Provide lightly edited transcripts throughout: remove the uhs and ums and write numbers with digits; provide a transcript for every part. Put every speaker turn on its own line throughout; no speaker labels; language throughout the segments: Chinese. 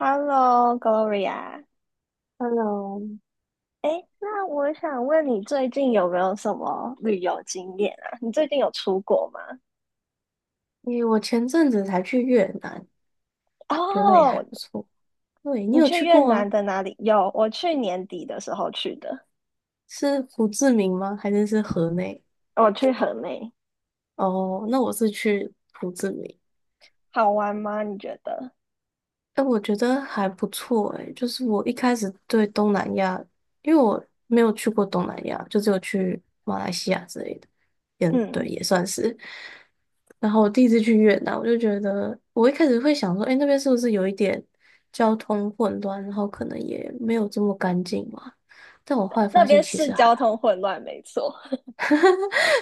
Hello, Gloria。
Hello，
哎，那我想问你，最近有没有什么旅游经验啊？你最近有出国吗？
诶，我前阵子才去越南，觉得那里还
哦，
不错。对，你
你
有
去
去
越
过吗？
南的哪里？有，我去年底的时候去的，
是胡志明吗？还是河内？
我去河内，
哦，那我是去胡志明。
好玩吗？你觉得？
哎，我觉得还不错哎，就是我一开始对东南亚，因为我没有去过东南亚，就只有去马来西亚之类的，嗯，对，
嗯，
也算是。然后我第一次去越南，我就觉得我一开始会想说，哎，那边是不是有一点交通混乱，然后可能也没有这么干净嘛？但我后来
那
发现
边
其
是
实还
交
好。
通混乱，没错。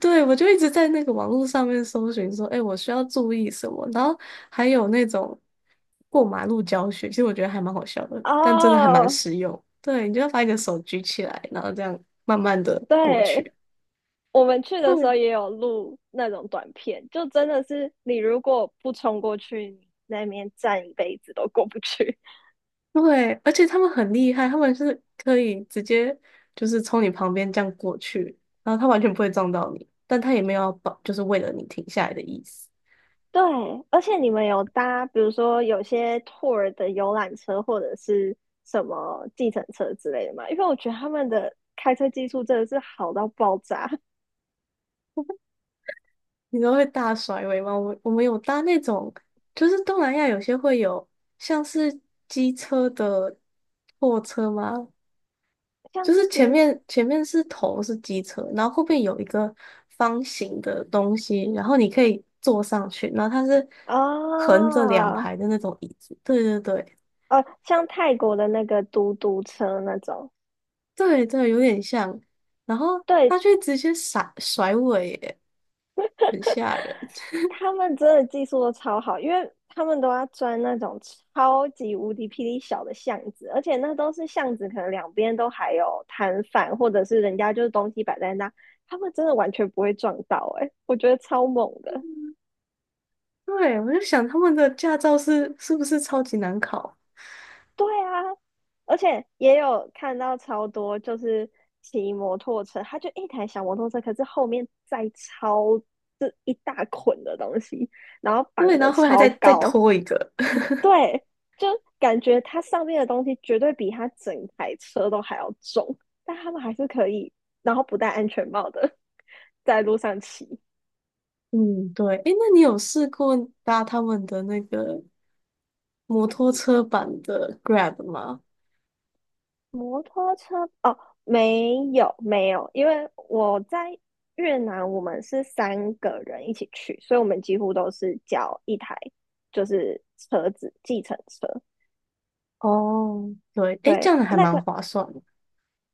对，我就一直在那个网络上面搜寻说，哎，我需要注意什么？然后还有那种过马路教学，其实我觉得还蛮好笑的，但真的还蛮
哦，
实用。对，你就要把你的手举起来，然后这样慢慢的过
对，
去。
我们去的时候
对
也有录那种短片，就真的是你如果不冲过去，你那边站一辈子都过不去。
对，而且他们很厉害，他们是可以直接就是从你旁边这样过去，然后他完全不会撞到你，但他也没有要保，就是为了你停下来的意思。
对，而且你们有搭，比如说有些 tour 的游览车或者是什么计程车之类的吗？因为我觉得他们的开车技术真的是好到爆炸，
你们会大甩尾吗？我们有搭那种，就是东南亚有些会有像是机车的货车吗？
像
就
自
是前
己
面前面是头是机车，然后后面有一个方形的东西，然后你可以坐上去，然后它是
啊，
横着两
哦
排的那种椅子。对对对
像泰国的那个嘟嘟车那种，
对对，有点像。然后
对
它却直接甩甩尾耶，很吓人。
他们真的技术都超好，因为他们都要钻那种超级无敌霹雳小的巷子，而且那都是巷子，可能两边都还有摊贩，或者是人家就是东西摆在那，他们真的完全不会撞到、欸，诶，我觉得超猛的。
对，我就想他们的驾照是不是超级难考？
对啊，而且也有看到超多就是骑摩托车，他就一台小摩托车，可是后面载超这一大捆的东西，然后绑
对，然
的
后后来还
超
再
高，
拖一个。
对，就感觉它上面的东西绝对比它整台车都还要重，但他们还是可以，然后不戴安全帽的在路上骑
嗯，对，诶，那你有试过搭他们的那个摩托车版的 Grab 吗？
摩托车。哦，没有没有，因为我在越南，我们是三个人一起去，所以我们几乎都是叫一台就是车子计程车。
哦，对，诶，这
对，
样还
那
蛮
个
划算的。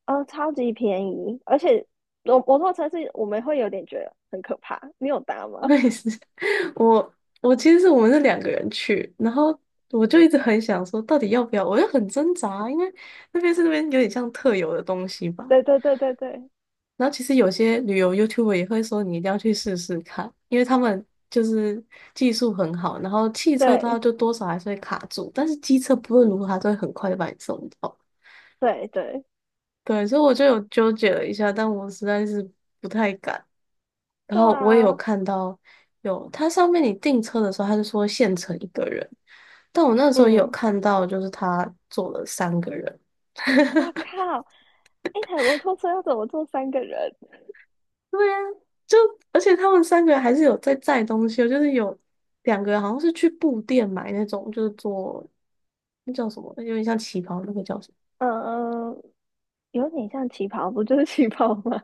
超级便宜，而且摩托车是我们会有点觉得很可怕。你有搭 吗？
我也是，我我其实是我们是两个人去，然后我就一直很想说，到底要不要？我就很挣扎啊，因为那边有点像特有的东西 吧，
对对对对对，
然后其实有些旅游 YouTuber 也会说你一定要去试试看，因为他们就是技术很好，然后汽车的话
对
就多少还是会卡住，但是机车不论如何它都会很快就把你送到。
对对
对，所以我就有纠结了一下，但我实在是不太敢。然
对
后我也有
啊，
看到有，它上面你订车的时候，他就说限乘一个人，但我那时候也有
嗯，
看到，就是他坐了三个人，
我靠！一台摩托车要怎么坐三个人？
对呀，就而且他们三个还是有在载东西哦，就是有两个人好像是去布店买那种，就是做那叫什么，有点像旗袍那个叫什么？
嗯，有点像旗袍，不就是旗袍吗？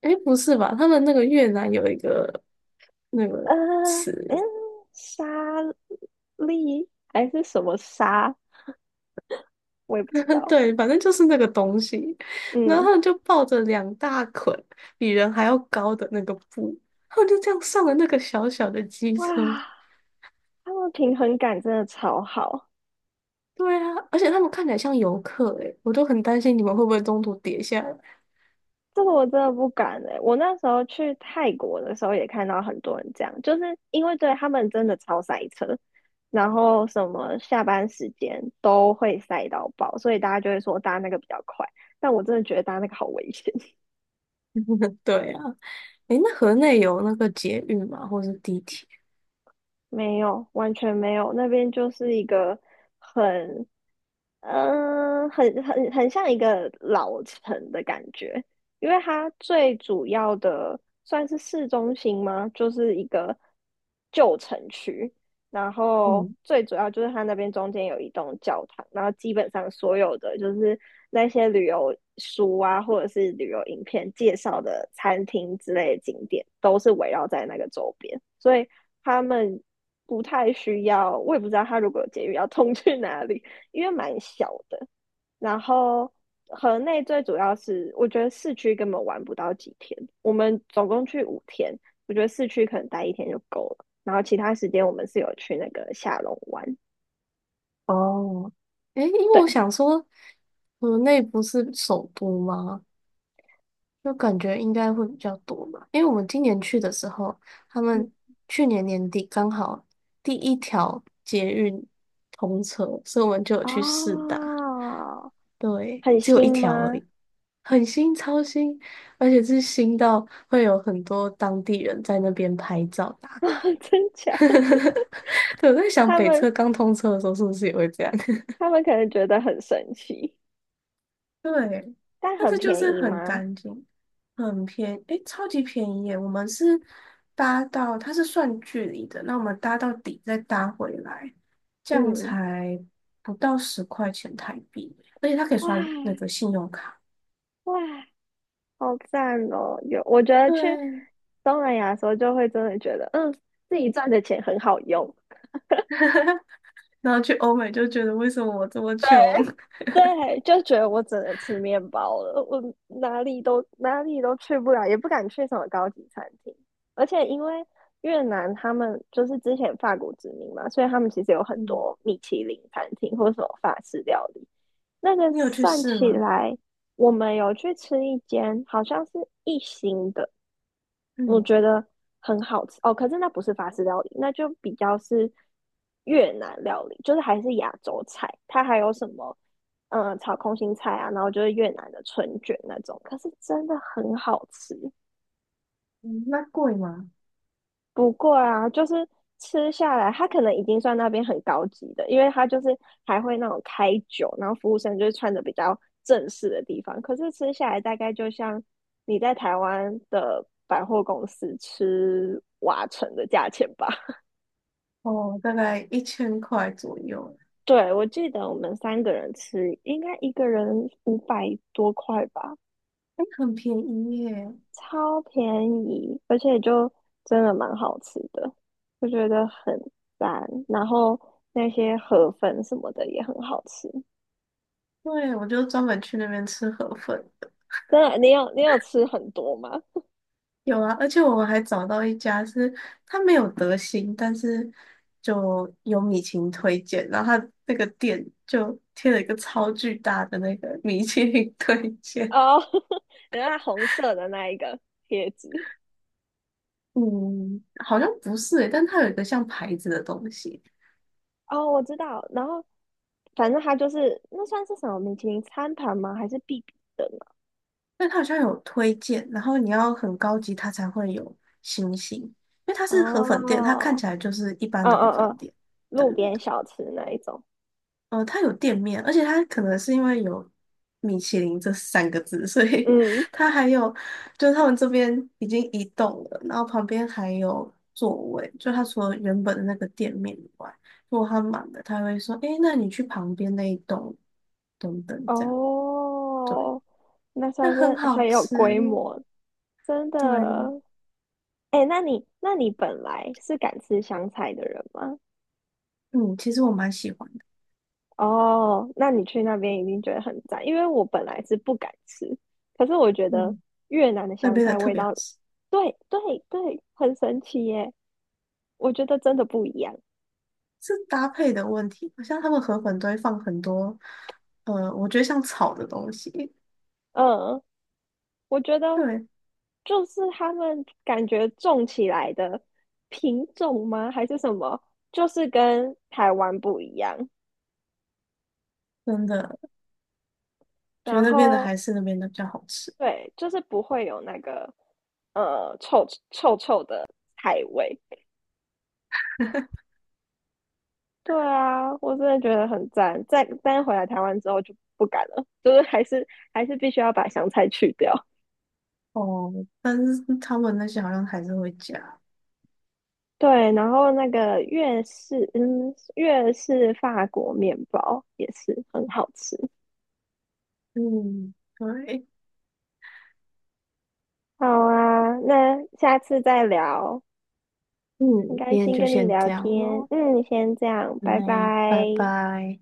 诶，不是吧？他们那个越南有一个那
呃，
个
嗯，
词，
沙粒还是什么沙，我也不知 道。
对，反正就是那个东西，然后
嗯，
他们就抱着两大捆比人还要高的那个布，他们就这样上了那个小小的机
哇，
车。
他们平衡感真的超好。
对啊，而且他们看起来像游客诶，我都很担心你们会不会中途跌下来。
这个我真的不敢哎、我那时候去泰国的时候也看到很多人这样，就是因为对他们真的超塞车，然后什么下班时间都会塞到爆，所以大家就会说搭那个比较快。但我真的觉得搭那个好危险，
对啊。诶，那河内有那个捷运吗？或是地铁？
没有，完全没有，那边就是一个很很很很像一个老城的感觉，因为它最主要的算是市中心吗？就是一个旧城区，然后
嗯，
最主要就是它那边中间有一栋教堂，然后基本上所有的就是那些旅游书啊，或者是旅游影片介绍的餐厅之类的景点，都是围绕在那个周边，所以他们不太需要，我也不知道他如果有捷运要通去哪里。因为蛮小的。然后河内最主要是，我觉得市区根本玩不到几天，我们总共去5天，我觉得市区可能待一天就够了。然后其他时间我们是有去那个下龙湾，
哦，诶，因为
对，
我想说，河内不是首都吗？就感觉应该会比较多吧。因为我们今年去的时候，他们去年年底刚好第一条捷运通车，所以我们就有去试搭。
哦，
对，
很
只有一
新
条而
吗？
已，很新，超新，而且是新到会有很多当地人在那边拍照打卡。
真 假？
呵呵对，我在想
他
北
们
车刚通车的时候是不是也会这样？
他们可能觉得很神奇，
对，
但
但
很
是就
便
是
宜
很
吗？
干净，很便诶，超级便宜耶！我们是搭到，它是算距离的，那我们搭到底再搭回来，这样
嗯，
才不到10块钱台币，而且它可以
哇
刷那个信用卡。
哇，好赞哦！有，我觉得去
对
东南亚的时候，就会真的觉得，自己赚的钱很好用。
然后去欧美就觉得为什么我这么穷？
对，就觉得我只能吃面包了，我哪里都去不了，也不敢去什么高级餐厅。而且因为越南他们就是之前法国殖民嘛，所以他们其实有很
嗯
多米其林餐厅或什么法式料理。那个
你有去
算
试
起
吗？
来，我们有去吃一间，好像是1星的。我
嗯
觉得很好吃哦。可是那不是法式料理，那就比较是越南料理，就是还是亚洲菜。它还有什么，炒空心菜啊，然后就是越南的春卷那种。可是真的很好吃。
嗯，那贵吗？
不过啊，就是吃下来，它可能已经算那边很高级的，因为它就是还会那种开酒，然后服务生就是穿的比较正式的地方。可是吃下来大概就像你在台湾的百货公司吃瓦城的价钱吧。
哦，大概1000块左右。
对，我记得我们三个人吃，应该一个人500多块吧，
哎，很便宜耶！
超便宜，而且就真的蛮好吃的，我觉得很赞。然后那些河粉什么的也很好吃，
对，我就专门去那边吃河粉的。
真的，你有吃很多吗？
有啊，而且我们还找到一家是它没有德兴，但是就有米其林推荐，然后它那个店就贴了一个超巨大的那个 米其林推荐。
哦，原来红色的那一个贴纸，
嗯，好像不是诶，但它有一个像牌子的东西，
哦，我知道。然后反正它就是那算是什么米其林餐盘吗？还是必比的
但它好像有推荐，然后你要很高级，它才会有星星，因为它
啊？
是河粉店，它看
哦，
起来就是一般
嗯
的河
嗯
粉
嗯，
店。对。
路边小吃那一种。
呃，它有店面，而且它可能是因为有米其林这三个字，所以
嗯，
它还有，就是他们这边已经移动了，然后旁边还有座位，就它除了原本的那个店面以外，如果它满了，他会说，诶，那你去旁边那一栋等等这样，对，
哦，那
那
算
很
是
好
很有
吃，
规模，真的。
对，
哎，那你本来是敢吃香菜的人吗？
嗯，其实我蛮喜欢的，
哦，那你去那边一定觉得很赞，因为我本来是不敢吃，可是我觉得
嗯，
越南的
那
香
边的
菜
特
味
别好
道，
吃。
对对对，很神奇耶，我觉得真的不一样。
是搭配的问题，好像他们河粉都会放很多，呃，我觉得像炒的东西，
嗯，我觉得
对，
就是他们感觉种起来的品种吗？还是什么？就是跟台湾不一样。
真的觉得
然
那边的
后
还是那边的比较好吃
对，就是不会有那个臭臭臭的菜味。对啊，我真的觉得很赞。再但回来台湾之后就不敢了，就是还是必须要把香菜去掉。
哦，但是他们那些好像还是会加。
对，然后那个粤式法国面包也是很好吃。
嗯，对，
好啊，那下次再聊。
嗯，
很开
今天
心
就
跟你
先
聊
这样
天，
咯，
先这样，拜
那
拜。
拜拜。